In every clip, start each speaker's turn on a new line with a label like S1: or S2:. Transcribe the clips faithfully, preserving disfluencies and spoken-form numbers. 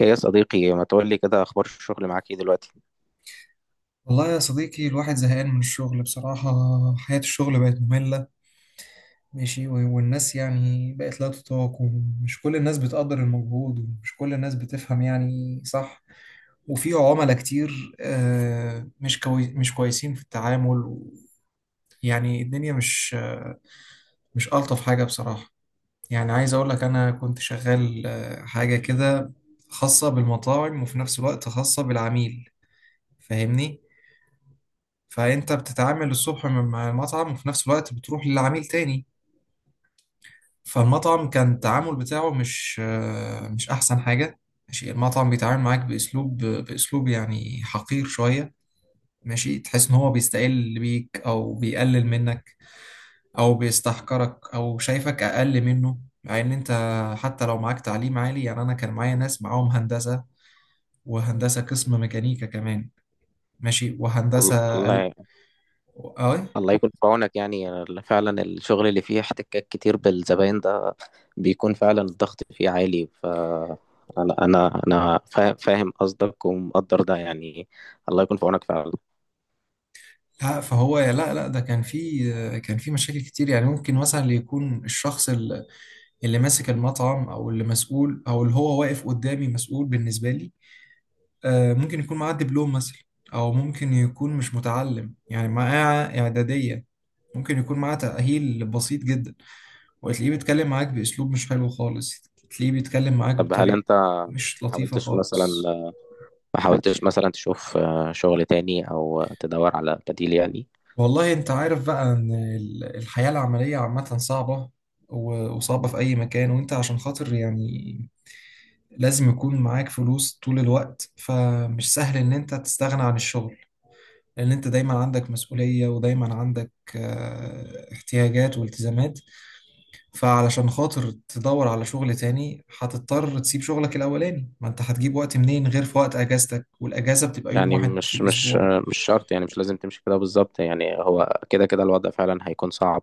S1: ايه يا صديقي، ما تقول لي كده، اخبار الشغل معاك ايه دلوقتي؟
S2: والله يا صديقي الواحد زهقان من الشغل بصراحة. حياة الشغل بقت مملة، ماشي. و- والناس يعني بقت لا تطاق، ومش كل الناس بتقدر المجهود، ومش كل الناس بتفهم يعني صح. وفي عملاء كتير آه، مش كوي مش كويسين في التعامل و- يعني. الدنيا مش آه، مش ألطف حاجة بصراحة. يعني عايز أقول لك أنا كنت شغال آه، حاجة كده، خاصة بالمطاعم وفي نفس الوقت خاصة بالعميل. فاهمني؟ فانت بتتعامل الصبح مع المطعم، وفي نفس الوقت بتروح للعميل تاني. فالمطعم كان التعامل بتاعه مش آه، مش احسن حاجة، ماشي. المطعم بيتعامل معاك باسلوب باسلوب يعني حقير شوية، ماشي. تحس ان هو بيستقل بيك، او بيقلل منك، او بيستحقرك، او شايفك اقل منه، مع ان انت حتى لو معاك تعليم عالي. يعني انا كان معايا ناس معاهم هندسة، وهندسة قسم ميكانيكا كمان، ماشي.
S1: ال-
S2: وهندسة ال...
S1: الله.
S2: اه.
S1: الله يكون في عونك، يعني ال- فعلا الشغل اللي فيه احتكاك كتير بالزباين ده بيكون فعلا الضغط فيه عالي. ف انا انا أنا فا- فاهم قصدك ومقدر ده يعني. الله يكون في عونك فعلا.
S2: لا، فهو لا لا، ده كان في كان في مشاكل كتير. يعني ممكن مثلا اللي يكون الشخص، ال- اللي ماسك المطعم، او اللي مسؤول، او اللي هو واقف قدامي مسؤول بالنسبه لي، آه، ممكن يكون معاه دبلوم مثلا، او ممكن يكون مش متعلم يعني معاه اعداديه. ممكن يكون معاه تاهيل بسيط جدا، وتلاقيه بيتكلم معاك باسلوب مش حلو خالص. تلاقيه بيتكلم معاك
S1: طب هل
S2: بطريقه
S1: انت ما
S2: مش لطيفه
S1: حاولتش مثلا
S2: خالص.
S1: ما حاولتش مثلا تشوف، آه، شغل تاني او تدور على بديل يعني.
S2: والله انت عارف بقى ان ال- الحياة العملية عامة صعبة، و- وصعبة في اي مكان. وانت عشان خاطر يعني لازم يكون معاك فلوس طول الوقت، فمش سهل ان انت تستغنى عن الشغل، لان انت دايما عندك مسؤولية، ودايما عندك آه، احتياجات والتزامات. فعلشان خاطر تدور على شغل تاني هتضطر تسيب شغلك الاولاني. ما انت هتجيب وقت منين غير في وقت اجازتك؟ والاجازة بتبقى يوم
S1: يعني
S2: واحد في
S1: مش مش
S2: الاسبوع.
S1: مش شرط، يعني مش لازم تمشي كده بالظبط، يعني هو كده كده الوضع فعلا هيكون صعب.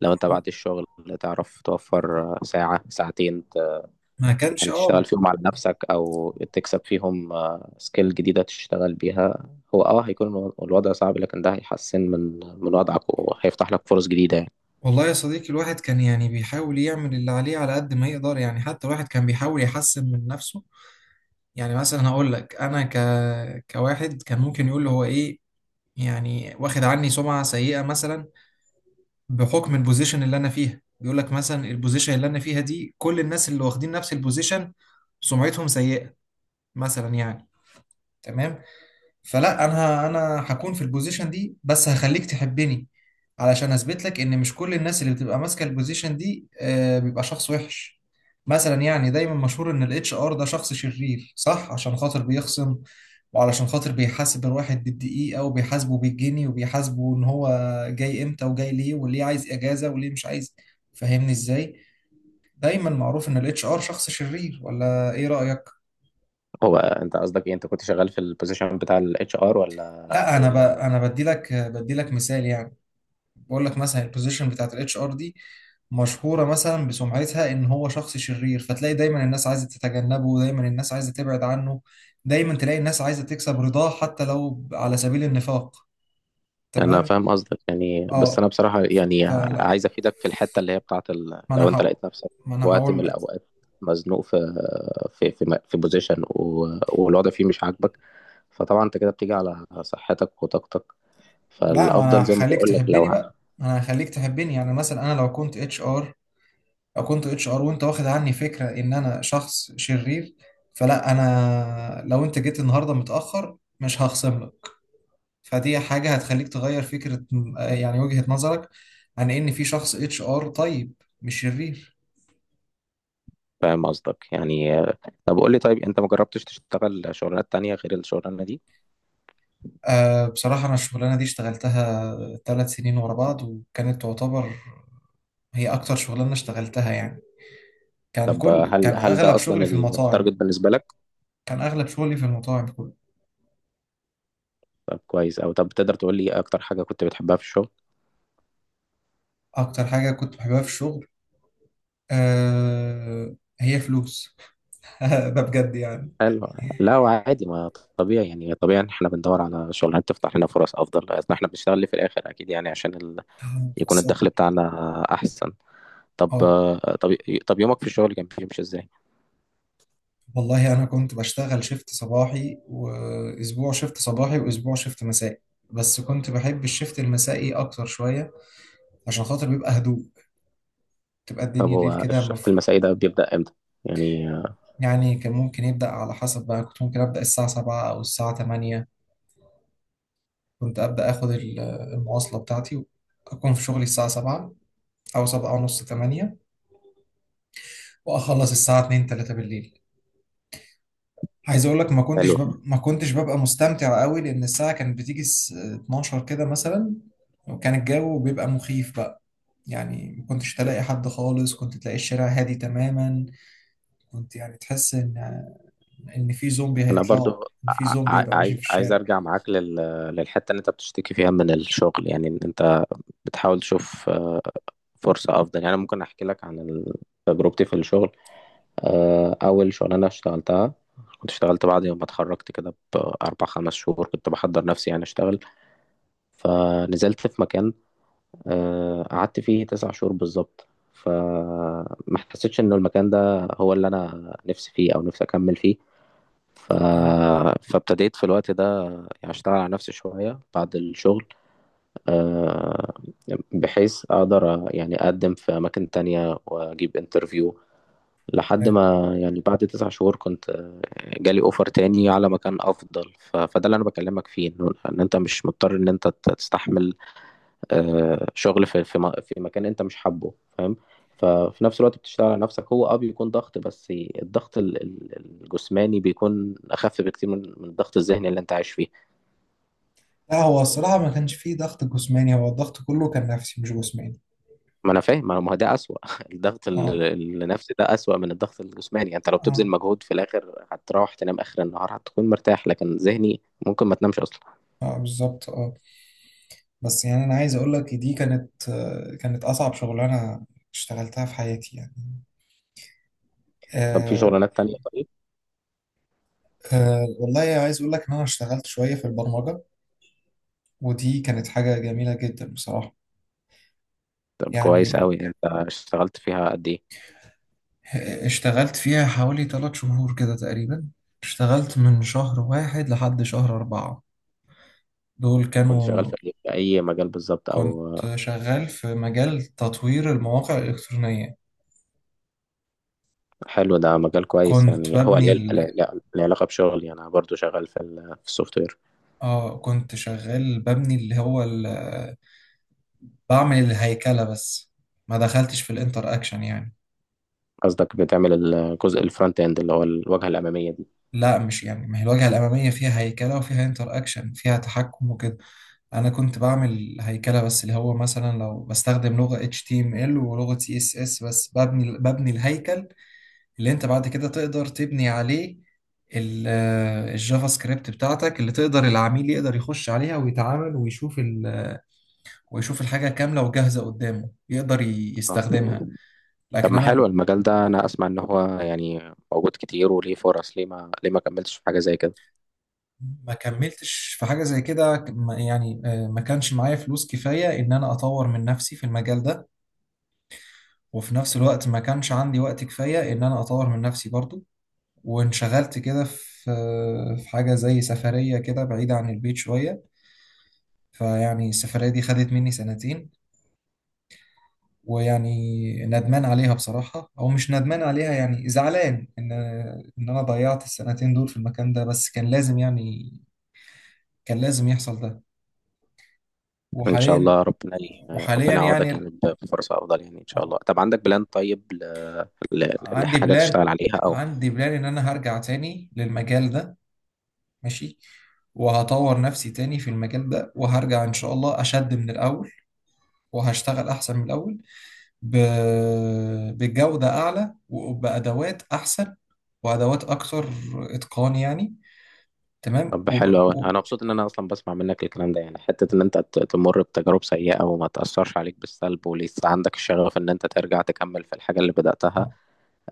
S1: لو انت بعد الشغل تعرف توفر ساعة ساعتين ت-
S2: ما كانش،
S1: يعني تشتغل
S2: اه.
S1: فيهم على نفسك او تكسب فيهم سكيل جديدة تشتغل بيها. هو اه هيكون الو- الوضع صعب، لكن ده هيحسن من من وضعك وهيفتح لك فرص جديدة يعني.
S2: والله يا صديقي الواحد كان يعني بيحاول يعمل اللي عليه على قد ما يقدر. يعني حتى الواحد كان بيحاول يحسن من نفسه. يعني مثلا هقول لك انا ك... كواحد كان ممكن يقول هو ايه، يعني واخد عني سمعة سيئة مثلا بحكم البوزيشن اللي انا فيها. بيقول لك مثلا البوزيشن اللي انا فيها دي، كل الناس اللي واخدين نفس البوزيشن سمعتهم سيئة مثلا يعني. تمام. فلا، انا انا هكون في البوزيشن دي بس هخليك تحبني، علشان اثبت لك ان مش كل الناس اللي بتبقى ماسكه البوزيشن دي آه، بيبقى شخص وحش. مثلا يعني دايما مشهور ان الاتش ار ده شخص شرير، صح؟ عشان خاطر بيخصم، وعلشان خاطر بيحاسب الواحد بالدقيقه، وبيحاسبه بالجنيه، وبيحاسبه ان هو جاي امتى، وجاي ليه، وليه عايز اجازه، وليه مش عايز. فاهمني ازاي؟ دايما معروف ان الاتش ار شخص شرير، ولا ايه رايك؟
S1: هو انت قصدك ايه، انت كنت شغال في البوزيشن بتاع الاتش ار، ولا
S2: لا، انا ب...
S1: ولا
S2: انا بدي لك بدي لك مثال يعني. بقول لك مثلا البوزيشن بتاعت الاتش ار دي مشهوره مثلا بسمعتها ان هو شخص شرير، فتلاقي دايما الناس عايزه تتجنبه، دايما الناس عايزه تبعد عنه، دايما تلاقي الناس عايزه تكسب رضاه حتى لو على سبيل النفاق.
S1: انا
S2: تمام،
S1: فاهم قصدك يعني، بس
S2: اه.
S1: انا بصراحه يعني
S2: فلا،
S1: عايز افيدك في الحته اللي هي بتاعت ال...
S2: ما
S1: لو
S2: انا
S1: انت
S2: هقول
S1: لقيت نفسك
S2: ما
S1: في
S2: انا
S1: وقت من
S2: هقول لك
S1: الاوقات، مزنوق في في في, م- في بوزيشن، و... والوضع فيه مش عاجبك، فطبعا انت كده بتيجي على صحتك وطاقتك،
S2: لا، ما
S1: فالافضل
S2: انا
S1: زي ما
S2: هخليك
S1: بقول لك لو
S2: تحبني
S1: ه-
S2: بقى، ما انا هخليك تحبني. يعني مثلا انا لو كنت اتش ار، لو كنت اتش ار وانت واخد عني فكره ان انا شخص شرير، فلا، انا لو انت جيت النهارده متاخر مش هخصم لك. فدي حاجة هتخليك تغير فكرة، يعني وجهة نظرك، عن ان في شخص اتش ار طيب، مش شرير.
S1: فاهم قصدك يعني. طب قول لي، طيب انت ما جربتش تشتغل شغلانات تانية غير الشغلانه دي؟
S2: أه، بصراحة انا الشغلانة دي اشتغلتها ثلاث سنين ورا بعض، وكانت تعتبر هي اكتر شغلانة اشتغلتها يعني. كان
S1: طب
S2: كل
S1: هل
S2: كان
S1: هل ده
S2: اغلب
S1: اصلا
S2: شغلي في المطاعم.
S1: التارجت بالنسبه لك؟
S2: كان اغلب شغلي في المطاعم كله.
S1: طب كويس. او طب، تقدر تقول لي إيه اكتر حاجه كنت بتحبها في الشغل؟
S2: اكتر حاجة كنت بحبها في الشغل، أه هي فلوس. ده بجد يعني.
S1: حلو. لا هو عادي، ما طبيعي يعني، طبيعي ان احنا بندور على شغلانات تفتح لنا فرص افضل، لأن احنا بنشتغل ليه في الاخر؟ اكيد يعني، عشان ال... يكون
S2: خاصة.
S1: الدخل بتاعنا احسن. طب
S2: اه،
S1: طب طب يومك في الشغل كان بيمشي ازاي؟
S2: والله انا كنت بشتغل شيفت صباحي، واسبوع شيفت صباحي واسبوع شيفت مسائي. بس كنت بحب الشيفت المسائي اكتر شوية، عشان خاطر بيبقى هدوء، تبقى
S1: طب
S2: الدنيا ليل
S1: هو
S2: كده
S1: الشفت
S2: مف...
S1: المسائي ده بيبدأ امتى يعني؟
S2: يعني. كان ممكن يبدأ على حسب بقى. كنت ممكن أبدأ الساعة سبعة او الساعة تمانية. كنت أبدأ اخد ال- المواصلة بتاعتي، اكون في شغلي الساعة السابعة او السابعة ونص تمانية، واخلص الساعة الثانية الثالثة بالليل. عايز اقول لك ما كنتش
S1: حلو.
S2: بب... ما كنتش ببقى مستمتع قوي، لان الساعه كانت بتيجي الس- اتناشر كده مثلا. وكان الجو بيبقى مخيف بقى. يعني ما كنتش تلاقي حد خالص، كنت تلاقي الشارع هادي تماما. كنت يعني تحس ان ان في زومبي
S1: انا
S2: هيطلعوا،
S1: برضو
S2: ان في زومبي
S1: ع-
S2: هيبقى ماشي
S1: عايز
S2: في
S1: عايز
S2: الشارع.
S1: ارجع معاك لل... للحته اللي انت بتشتكي فيها من الشغل، يعني ان انت بتحاول تشوف فرصه افضل. يعني أنا ممكن احكي لك عن ال- تجربتي في الشغل. آه، أول شغلانة اشتغلتها، كنت اشتغلت بعد يوم ما اتخرجت، كده بأربع خمس شهور كنت بحضر نفسي يعني أشتغل. فنزلت في مكان، آه، قعدت فيه تسع شهور بالظبط، فما حسيتش إن المكان ده هو اللي أنا نفسي فيه أو نفسي أكمل فيه. ف... فابتديت في الوقت ده، يعني أشتغل على نفسي شوية بعد الشغل، آه، بحيث أقدر يعني أقدم في أماكن تانية وأجيب انترفيو، لحد ما يعني بعد تسع شهور كنت آه، جالي اوفر تاني على مكان افضل. ف- فده اللي انا بكلمك فيه، انه ان انت مش مضطر ان انت ت- تستحمل آه، شغل في في م- في مكان انت مش حابه، فاهم؟ ففي نفس الوقت بتشتغل على نفسك، هو اه بيكون ضغط، بس الضغط ال- ال- الجسماني بيكون اخف بكتير من من الضغط الذهني اللي انت عايش فيه.
S2: لا، هو الصراحه ما كانش فيه ضغط جسماني، هو الضغط كله كان نفسي مش جسماني.
S1: ما انا فاهم، ما ما هو ده اسوأ. الضغط
S2: اه.
S1: ال- النفسي ده اسوأ من الضغط الجسماني. يعني انت لو بتبذل
S2: اه.
S1: مجهود في الاخر هتروح تنام اخر النهار هتكون مرتاح، لكن ذهني ممكن ما تنامش اصلا.
S2: اه بالظبط، اه. بس يعني انا عايز اقول لك دي كانت آه، كانت اصعب شغلانه اشتغلتها في حياتي يعني.
S1: طب في
S2: آه.
S1: شغلانات تانية طيب؟
S2: آه والله عايز أقول لك إن أنا اشتغلت شوية في البرمجة، ودي كانت حاجة جميلة جدا بصراحة.
S1: طب كويس
S2: يعني
S1: قوي. انت اشتغلت فيها قد ايه؟
S2: آه، اشتغلت فيها حوالي ثلاث شهور كده تقريبا. اشتغلت من شهر واحد لحد شهر أربعة، دول
S1: كنت شغال
S2: كانوا.
S1: في في اي مجال بالظبط،
S2: كنت
S1: او؟
S2: شغال في مجال تطوير المواقع الإلكترونية.
S1: حلو. ده مجال كويس.
S2: كنت
S1: يعني هو
S2: ببني
S1: ليه ليه-
S2: ال...
S1: ليه- ليه علاقة بشغلي، يعني انا برضو شغال في ال- في السوفت وير.
S2: اه، كنت شغال ببني اللي هو ال... بعمل الهيكلة بس، ما دخلتش في الانتر اكشن يعني.
S1: قصدك بتعمل الجزء الفرونت اند اللي هو الواجهة الأمامية دي،
S2: لا مش يعني، ما هي الواجهة الأمامية فيها هيكلة، وفيها انتر أكشن، فيها تحكم وكده. أنا كنت بعمل هيكلة بس، اللي هو مثلا لو بستخدم لغة اتش تي ام ال ولغة سي اس اس بس، ببني ببني الهيكل اللي أنت بعد كده تقدر تبني عليه ال- الجافا سكريبت بتاعتك، اللي تقدر العميل يقدر يخش عليها ويتعامل، ويشوف ال، ويشوف الحاجة كاملة وجاهزة قدامه، يقدر ي-
S1: اه؟
S2: يستخدمها.
S1: طب
S2: لكن
S1: ما حلو
S2: أنا
S1: المجال ده، انا اسمع ان هو يعني موجود كتير وليه فرص، ليه ما ليه ما كملتش في حاجه زي كده؟
S2: ما كملتش في حاجة زي كده. ما- يعني آه، ما كانش معايا فلوس كفاية إن أنا أطور من نفسي في المجال ده، وفي نفس الوقت ما كانش عندي وقت كفاية إن أنا أطور من نفسي برضو. وانشغلت كده في آه، في حاجة زي سفرية كده بعيدة عن البيت شوية. فيعني السفرية دي خدت مني سنتين. ويعني ندمان عليها بصراحة، أو مش ندمان عليها يعني زعلان إن إن أنا ضيعت السنتين دول في المكان ده، بس كان لازم يعني، كان لازم يحصل ده.
S1: ان شاء
S2: وحاليا
S1: الله ربنا ي...
S2: وحاليا
S1: ربنا يعوضك،
S2: يعني،
S1: يعني ب- بفرصه افضل يعني ان شاء
S2: آه،
S1: الله. طب عندك بلان طيب ل... ل...
S2: عندي
S1: لحاجه
S2: بلان
S1: تشتغل عليها او؟
S2: عندي بلان ان انا هرجع تاني للمجال ده، ماشي. وهطور نفسي تاني في المجال ده، وهرجع ان شاء الله اشد من الاول، وهشتغل احسن من الاول، ب... بجودة اعلى، وبادوات احسن، وادوات اكتر اتقان يعني. تمام.
S1: طب
S2: وب...
S1: حلو قوي، انا
S2: و...
S1: مبسوط ان انا اصلا بسمع منك الكلام ده، يعني حته ان انت ت- تمر بتجارب سيئه وما تاثرش عليك بالسلب ولسه عندك الشغف ان انت ترجع تكمل في الحاجه اللي بداتها.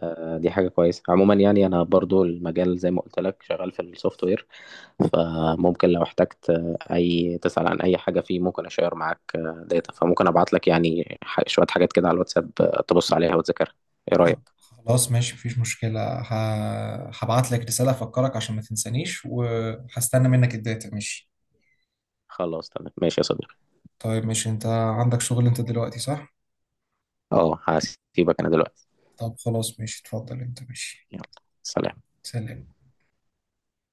S1: آه، دي حاجه كويسه عموما، يعني انا برضو المجال زي ما قلت لك شغال في السوفت وير. فممكن لو احتجت اي تسأل عن اي حاجة فيه، ممكن اشير معاك داتا، فممكن ابعت لك يعني ح- شوية حاجات كده على الواتساب، تبص عليها وتذاكرها. ايه رأيك؟
S2: آه، خلاص ماشي، مفيش مشكلة. ه... هبعت لك رسالة افكرك عشان ما تنسانيش، وهستنى منك الداتا، ماشي.
S1: خلاص تمام ماشي يا صديقي.
S2: طيب، مش انت عندك شغل انت دلوقتي، صح؟
S1: اه، هسيبك انا دلوقتي.
S2: طب خلاص ماشي، اتفضل انت، ماشي.
S1: يلا، سلام.
S2: سلام.